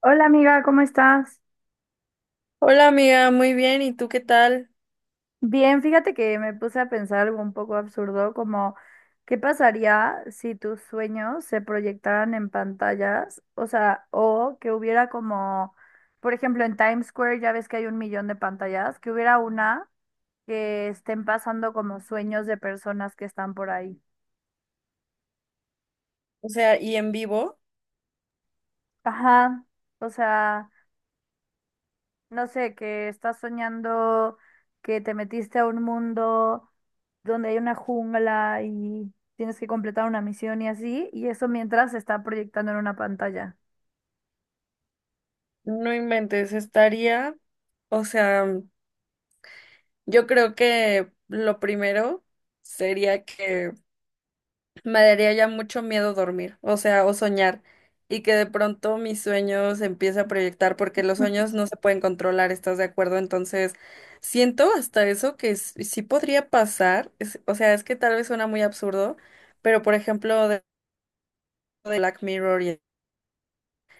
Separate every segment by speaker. Speaker 1: Hola amiga, ¿cómo estás?
Speaker 2: Hola amiga, muy bien, ¿y tú qué tal?
Speaker 1: Bien, fíjate que me puse a pensar algo un poco absurdo, como ¿qué pasaría si tus sueños se proyectaran en pantallas? O sea, o que hubiera como, por ejemplo, en Times Square ya ves que hay un millón de pantallas, que hubiera una que estén pasando como sueños de personas que están por ahí.
Speaker 2: O sea, y en vivo,
Speaker 1: Ajá, o sea... No sé, que estás soñando que te metiste a un mundo donde hay una jungla y tienes que completar una misión y así, y eso mientras se está proyectando en una pantalla.
Speaker 2: no inventes, estaría, o sea, yo creo que lo primero sería que me daría ya mucho miedo dormir, o sea, o soñar, y que de pronto mis sueños se empiece a proyectar, porque los sueños no se pueden controlar, ¿estás de acuerdo? Entonces, siento hasta eso que sí podría pasar, o sea, es que tal vez suena muy absurdo, pero por ejemplo, de Black Mirror y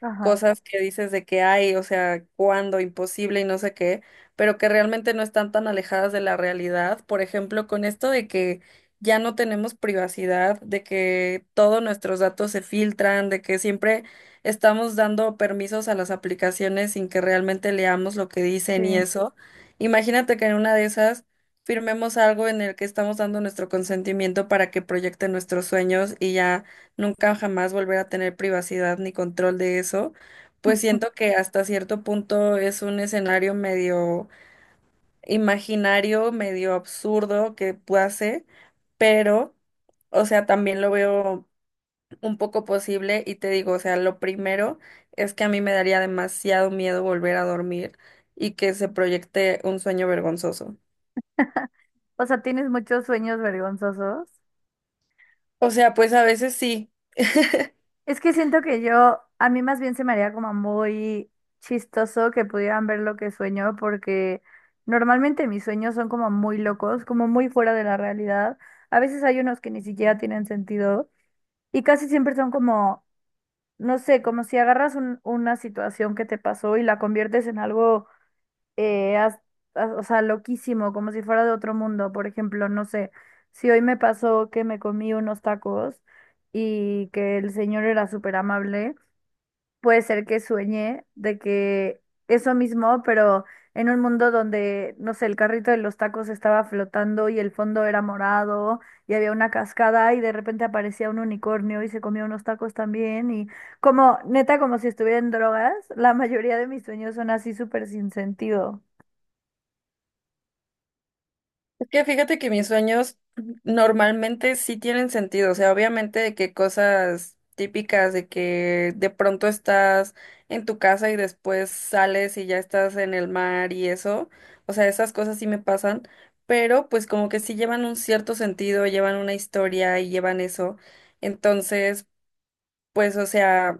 Speaker 1: Ajá,
Speaker 2: cosas que dices de que hay, o sea, cuándo, imposible y no sé qué, pero que realmente no están tan alejadas de la realidad. Por ejemplo, con esto de que ya no tenemos privacidad, de que todos nuestros datos se filtran, de que siempre estamos dando permisos a las aplicaciones sin que realmente leamos lo que
Speaker 1: sí.
Speaker 2: dicen y eso. Imagínate que en una de esas firmemos algo en el que estamos dando nuestro consentimiento para que proyecten nuestros sueños y ya nunca jamás volver a tener privacidad ni control de eso. Pues siento que hasta cierto punto es un escenario medio imaginario, medio absurdo que hace, pero, o sea, también lo veo un poco posible y te digo, o sea, lo primero es que a mí me daría demasiado miedo volver a dormir y que se proyecte un sueño vergonzoso.
Speaker 1: O sea, tienes muchos sueños vergonzosos.
Speaker 2: O sea, pues a veces sí.
Speaker 1: Es que siento que yo, a mí más bien se me haría como muy chistoso que pudieran ver lo que sueño, porque normalmente mis sueños son como muy locos, como muy fuera de la realidad. A veces hay unos que ni siquiera tienen sentido. Y casi siempre son como, no sé, como si agarras una situación que te pasó y la conviertes en algo, eh, haz- o sea, loquísimo, como si fuera de otro mundo. Por ejemplo, no sé, si hoy me pasó que me comí unos tacos y que el señor era súper amable, puede ser que sueñe de que eso mismo, pero en un mundo donde, no sé, el carrito de los tacos estaba flotando y el fondo era morado y había una cascada y de repente aparecía un unicornio y se comía unos tacos también y como, neta, como si estuviera en drogas, la mayoría de mis sueños son así súper sin sentido.
Speaker 2: Es que fíjate que mis sueños normalmente sí tienen sentido, o sea, obviamente de que cosas típicas de que de pronto estás en tu casa y después sales y ya estás en el mar y eso, o sea, esas cosas sí me pasan, pero pues como que sí llevan un cierto sentido, llevan una historia y llevan eso. Entonces, pues o sea,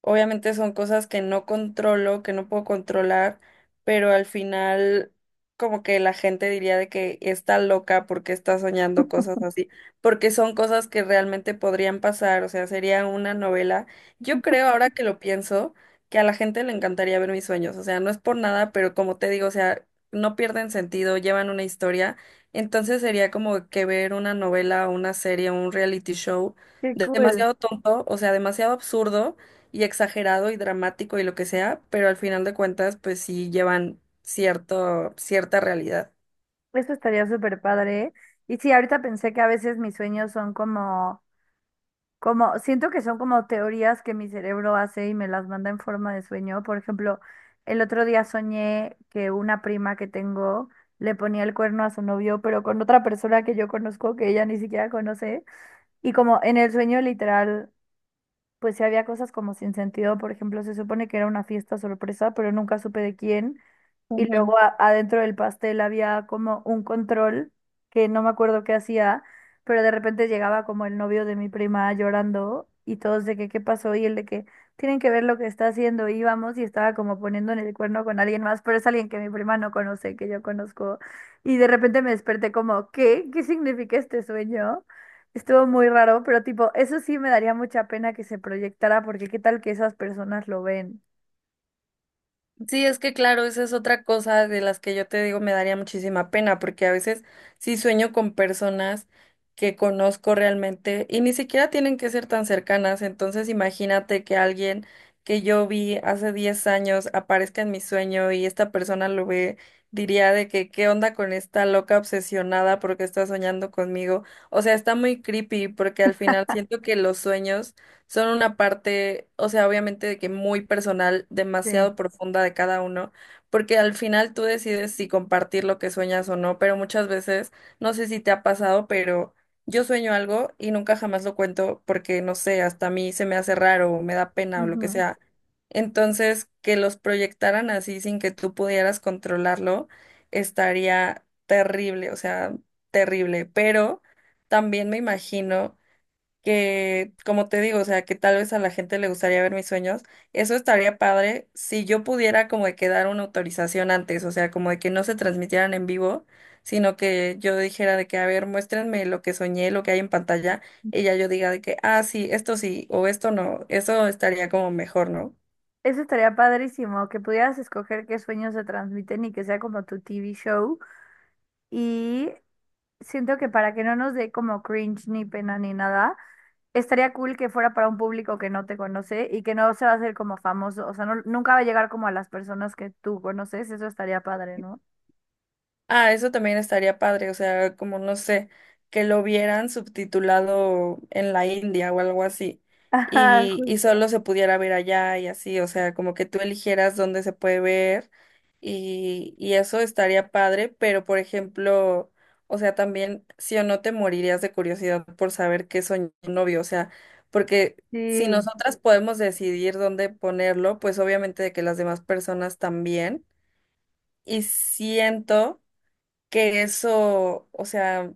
Speaker 2: obviamente son cosas que no controlo, que no puedo controlar, pero al final como que la gente diría de que está loca porque está soñando cosas así, porque son cosas que realmente podrían pasar, o sea, sería una novela. Yo creo, ahora que lo pienso, que a la gente le encantaría ver mis sueños, o sea, no es por nada, pero como te digo, o sea, no pierden sentido, llevan una historia, entonces sería como que ver una novela, una serie, un reality show
Speaker 1: Qué cool.
Speaker 2: demasiado tonto, o sea, demasiado absurdo y exagerado y dramático y lo que sea, pero al final de cuentas, pues sí llevan cierto, cierta realidad.
Speaker 1: Eso estaría súper padre. Y sí, ahorita pensé que a veces mis sueños son como, como, siento que son como teorías que mi cerebro hace y me las manda en forma de sueño. Por ejemplo, el otro día soñé que una prima que tengo le ponía el cuerno a su novio, pero con otra persona que yo conozco que ella ni siquiera conoce. Y como en el sueño literal, pues sí había cosas como sin sentido. Por ejemplo, se supone que era una fiesta sorpresa, pero nunca supe de quién. Y luego adentro del pastel había como un control que no me acuerdo qué hacía, pero de repente llegaba como el novio de mi prima llorando y todos de que qué pasó y el de que tienen que ver lo que está haciendo. Y íbamos y estaba como poniendo en el cuerno con alguien más, pero es alguien que mi prima no conoce, que yo conozco. Y de repente me desperté como, ¿qué? ¿Qué significa este sueño? Estuvo muy raro, pero tipo, eso sí me daría mucha pena que se proyectara porque qué tal que esas personas lo ven.
Speaker 2: Sí, es que claro, esa es otra cosa de las que yo te digo me daría muchísima pena, porque a veces sí sueño con personas que conozco realmente y ni siquiera tienen que ser tan cercanas, entonces imagínate que alguien que yo vi hace 10 años aparezca en mi sueño y esta persona lo ve, diría de que qué onda con esta loca obsesionada porque está soñando conmigo. O sea, está muy creepy porque al final siento que los sueños son una parte, o sea, obviamente de que muy personal,
Speaker 1: Sí.
Speaker 2: demasiado profunda de cada uno, porque al final tú decides si compartir lo que sueñas o no, pero muchas veces, no sé si te ha pasado, pero yo sueño algo y nunca jamás lo cuento porque, no sé, hasta a mí se me hace raro o me da pena o lo que sea. Entonces, que los proyectaran así sin que tú pudieras controlarlo, estaría terrible, o sea, terrible, pero también me imagino que, como te digo, o sea, que tal vez a la gente le gustaría ver mis sueños, eso estaría padre si yo pudiera como de que dar una autorización antes, o sea, como de que no se transmitieran en vivo, sino que yo dijera de que, a ver, muéstrenme lo que soñé, lo que hay en pantalla, y ya yo diga de que, ah, sí, esto sí, o esto no, eso estaría como mejor, ¿no?
Speaker 1: Eso estaría padrísimo, que pudieras escoger qué sueños se transmiten y que sea como tu TV show. Y siento que para que no nos dé como cringe ni pena ni nada, estaría cool que fuera para un público que no te conoce y que no se va a hacer como famoso. O sea, nunca va a llegar como a las personas que tú conoces. Eso estaría padre, ¿no?
Speaker 2: Ah, eso también estaría padre, o sea, como no sé, que lo vieran subtitulado en la India o algo así,
Speaker 1: Ajá,
Speaker 2: y,
Speaker 1: justo.
Speaker 2: solo se pudiera ver allá y así, o sea, como que tú eligieras dónde se puede ver y, eso estaría padre, pero por ejemplo, o sea, también sí o no te morirías de curiosidad por saber qué soñó tu novio, o sea, porque si
Speaker 1: Sí.
Speaker 2: nosotras podemos decidir dónde ponerlo, pues obviamente de que las demás personas también, y siento que eso, o sea,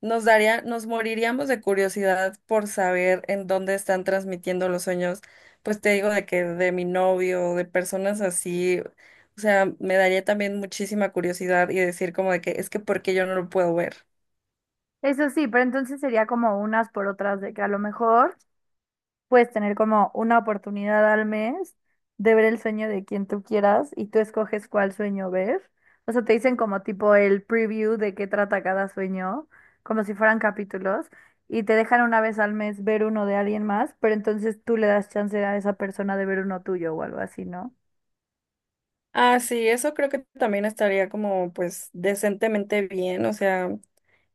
Speaker 2: nos daría, nos moriríamos de curiosidad por saber en dónde están transmitiendo los sueños. Pues te digo de que de mi novio, de personas así, o sea, me daría también muchísima curiosidad y decir como de que es que ¿por qué yo no lo puedo ver?
Speaker 1: Eso sí, pero entonces sería como unas por otras de que a lo mejor puedes tener como una oportunidad al mes de ver el sueño de quien tú quieras y tú escoges cuál sueño ver. O sea, te dicen como tipo el preview de qué trata cada sueño, como si fueran capítulos, y te dejan una vez al mes ver uno de alguien más, pero entonces tú le das chance a esa persona de ver uno tuyo o algo así, ¿no?
Speaker 2: Ah, sí, eso creo que también estaría como pues decentemente bien, o sea,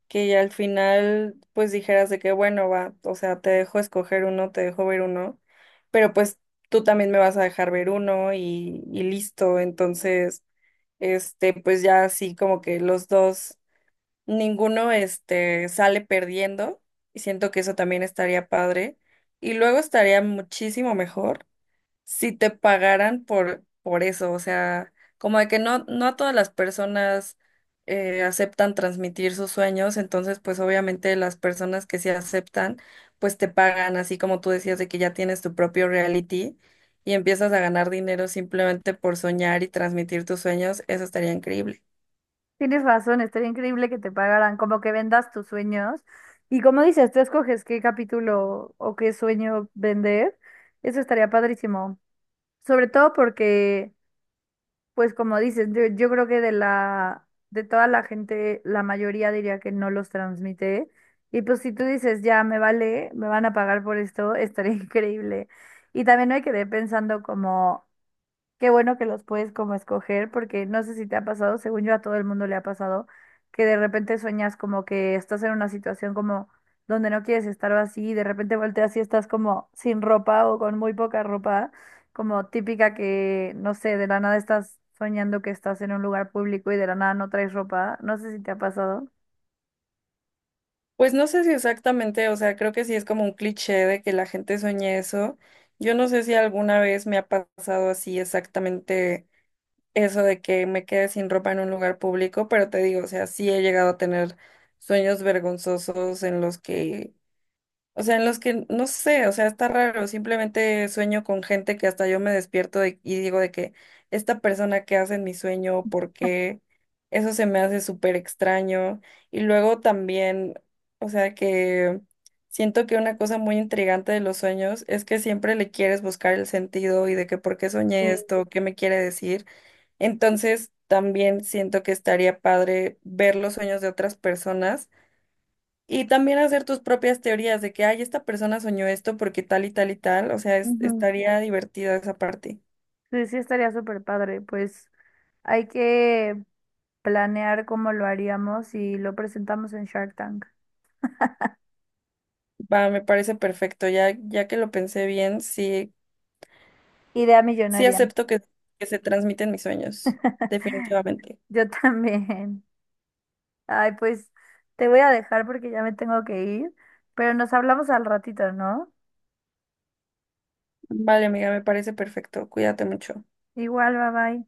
Speaker 2: que ya al final pues dijeras de que bueno, va, o sea, te dejo escoger uno, te dejo ver uno, pero pues tú también me vas a dejar ver uno y, listo, entonces, este, pues ya así como que los dos, ninguno, este, sale perdiendo y siento que eso también estaría padre y luego estaría muchísimo mejor si te pagaran por eso, o sea, como de que no a todas las personas aceptan transmitir sus sueños, entonces pues obviamente las personas que sí aceptan, pues te pagan, así como tú decías de que ya tienes tu propio reality y empiezas a ganar dinero simplemente por soñar y transmitir tus sueños, eso estaría increíble.
Speaker 1: Tienes razón, estaría increíble que te pagaran, como que vendas tus sueños. Y como dices, tú escoges qué capítulo o qué sueño vender. Eso estaría padrísimo. Sobre todo porque, pues como dices, yo creo que de la, de toda la gente, la mayoría diría que no los transmite. Y pues si tú dices, ya me vale, me van a pagar por esto, estaría increíble. Y también hay que ir pensando como, qué bueno que los puedes como escoger, porque no sé si te ha pasado, según yo a todo el mundo le ha pasado, que de repente sueñas como que estás en una situación como donde no quieres estar o así, y de repente volteas y estás como sin ropa o con muy poca ropa, como típica que, no sé, de la nada estás soñando que estás en un lugar público y de la nada no traes ropa. No sé si te ha pasado.
Speaker 2: Pues no sé si exactamente, o sea, creo que sí es como un cliché de que la gente sueñe eso. Yo no sé si alguna vez me ha pasado así exactamente eso de que me quede sin ropa en un lugar público, pero te digo, o sea, sí he llegado a tener sueños vergonzosos en los que, o sea, en los que no sé, o sea, está raro, simplemente sueño con gente que hasta yo me despierto y digo de que esta persona que hace en mi sueño, ¿por qué? Eso se me hace súper extraño. Y luego también, o sea, que siento que una cosa muy intrigante de los sueños es que siempre le quieres buscar el sentido y de que por qué soñé
Speaker 1: Sí.
Speaker 2: esto, qué me quiere decir. Entonces, también siento que estaría padre ver los sueños de otras personas y también hacer tus propias teorías de que, ay, esta persona soñó esto porque tal y tal y tal. O sea,
Speaker 1: Ujú.
Speaker 2: estaría divertida esa parte.
Speaker 1: Sí, sí estaría súper padre, pues hay que planear cómo lo haríamos y lo presentamos en Shark Tank.
Speaker 2: Va, me parece perfecto. Ya, ya que lo pensé bien, sí,
Speaker 1: Idea
Speaker 2: sí
Speaker 1: millonaria.
Speaker 2: acepto que se transmiten mis sueños, definitivamente.
Speaker 1: Yo también. Ay, pues te voy a dejar porque ya me tengo que ir, pero nos hablamos al ratito, ¿no?
Speaker 2: Vale, amiga, me parece perfecto. Cuídate mucho.
Speaker 1: Igual, bye bye.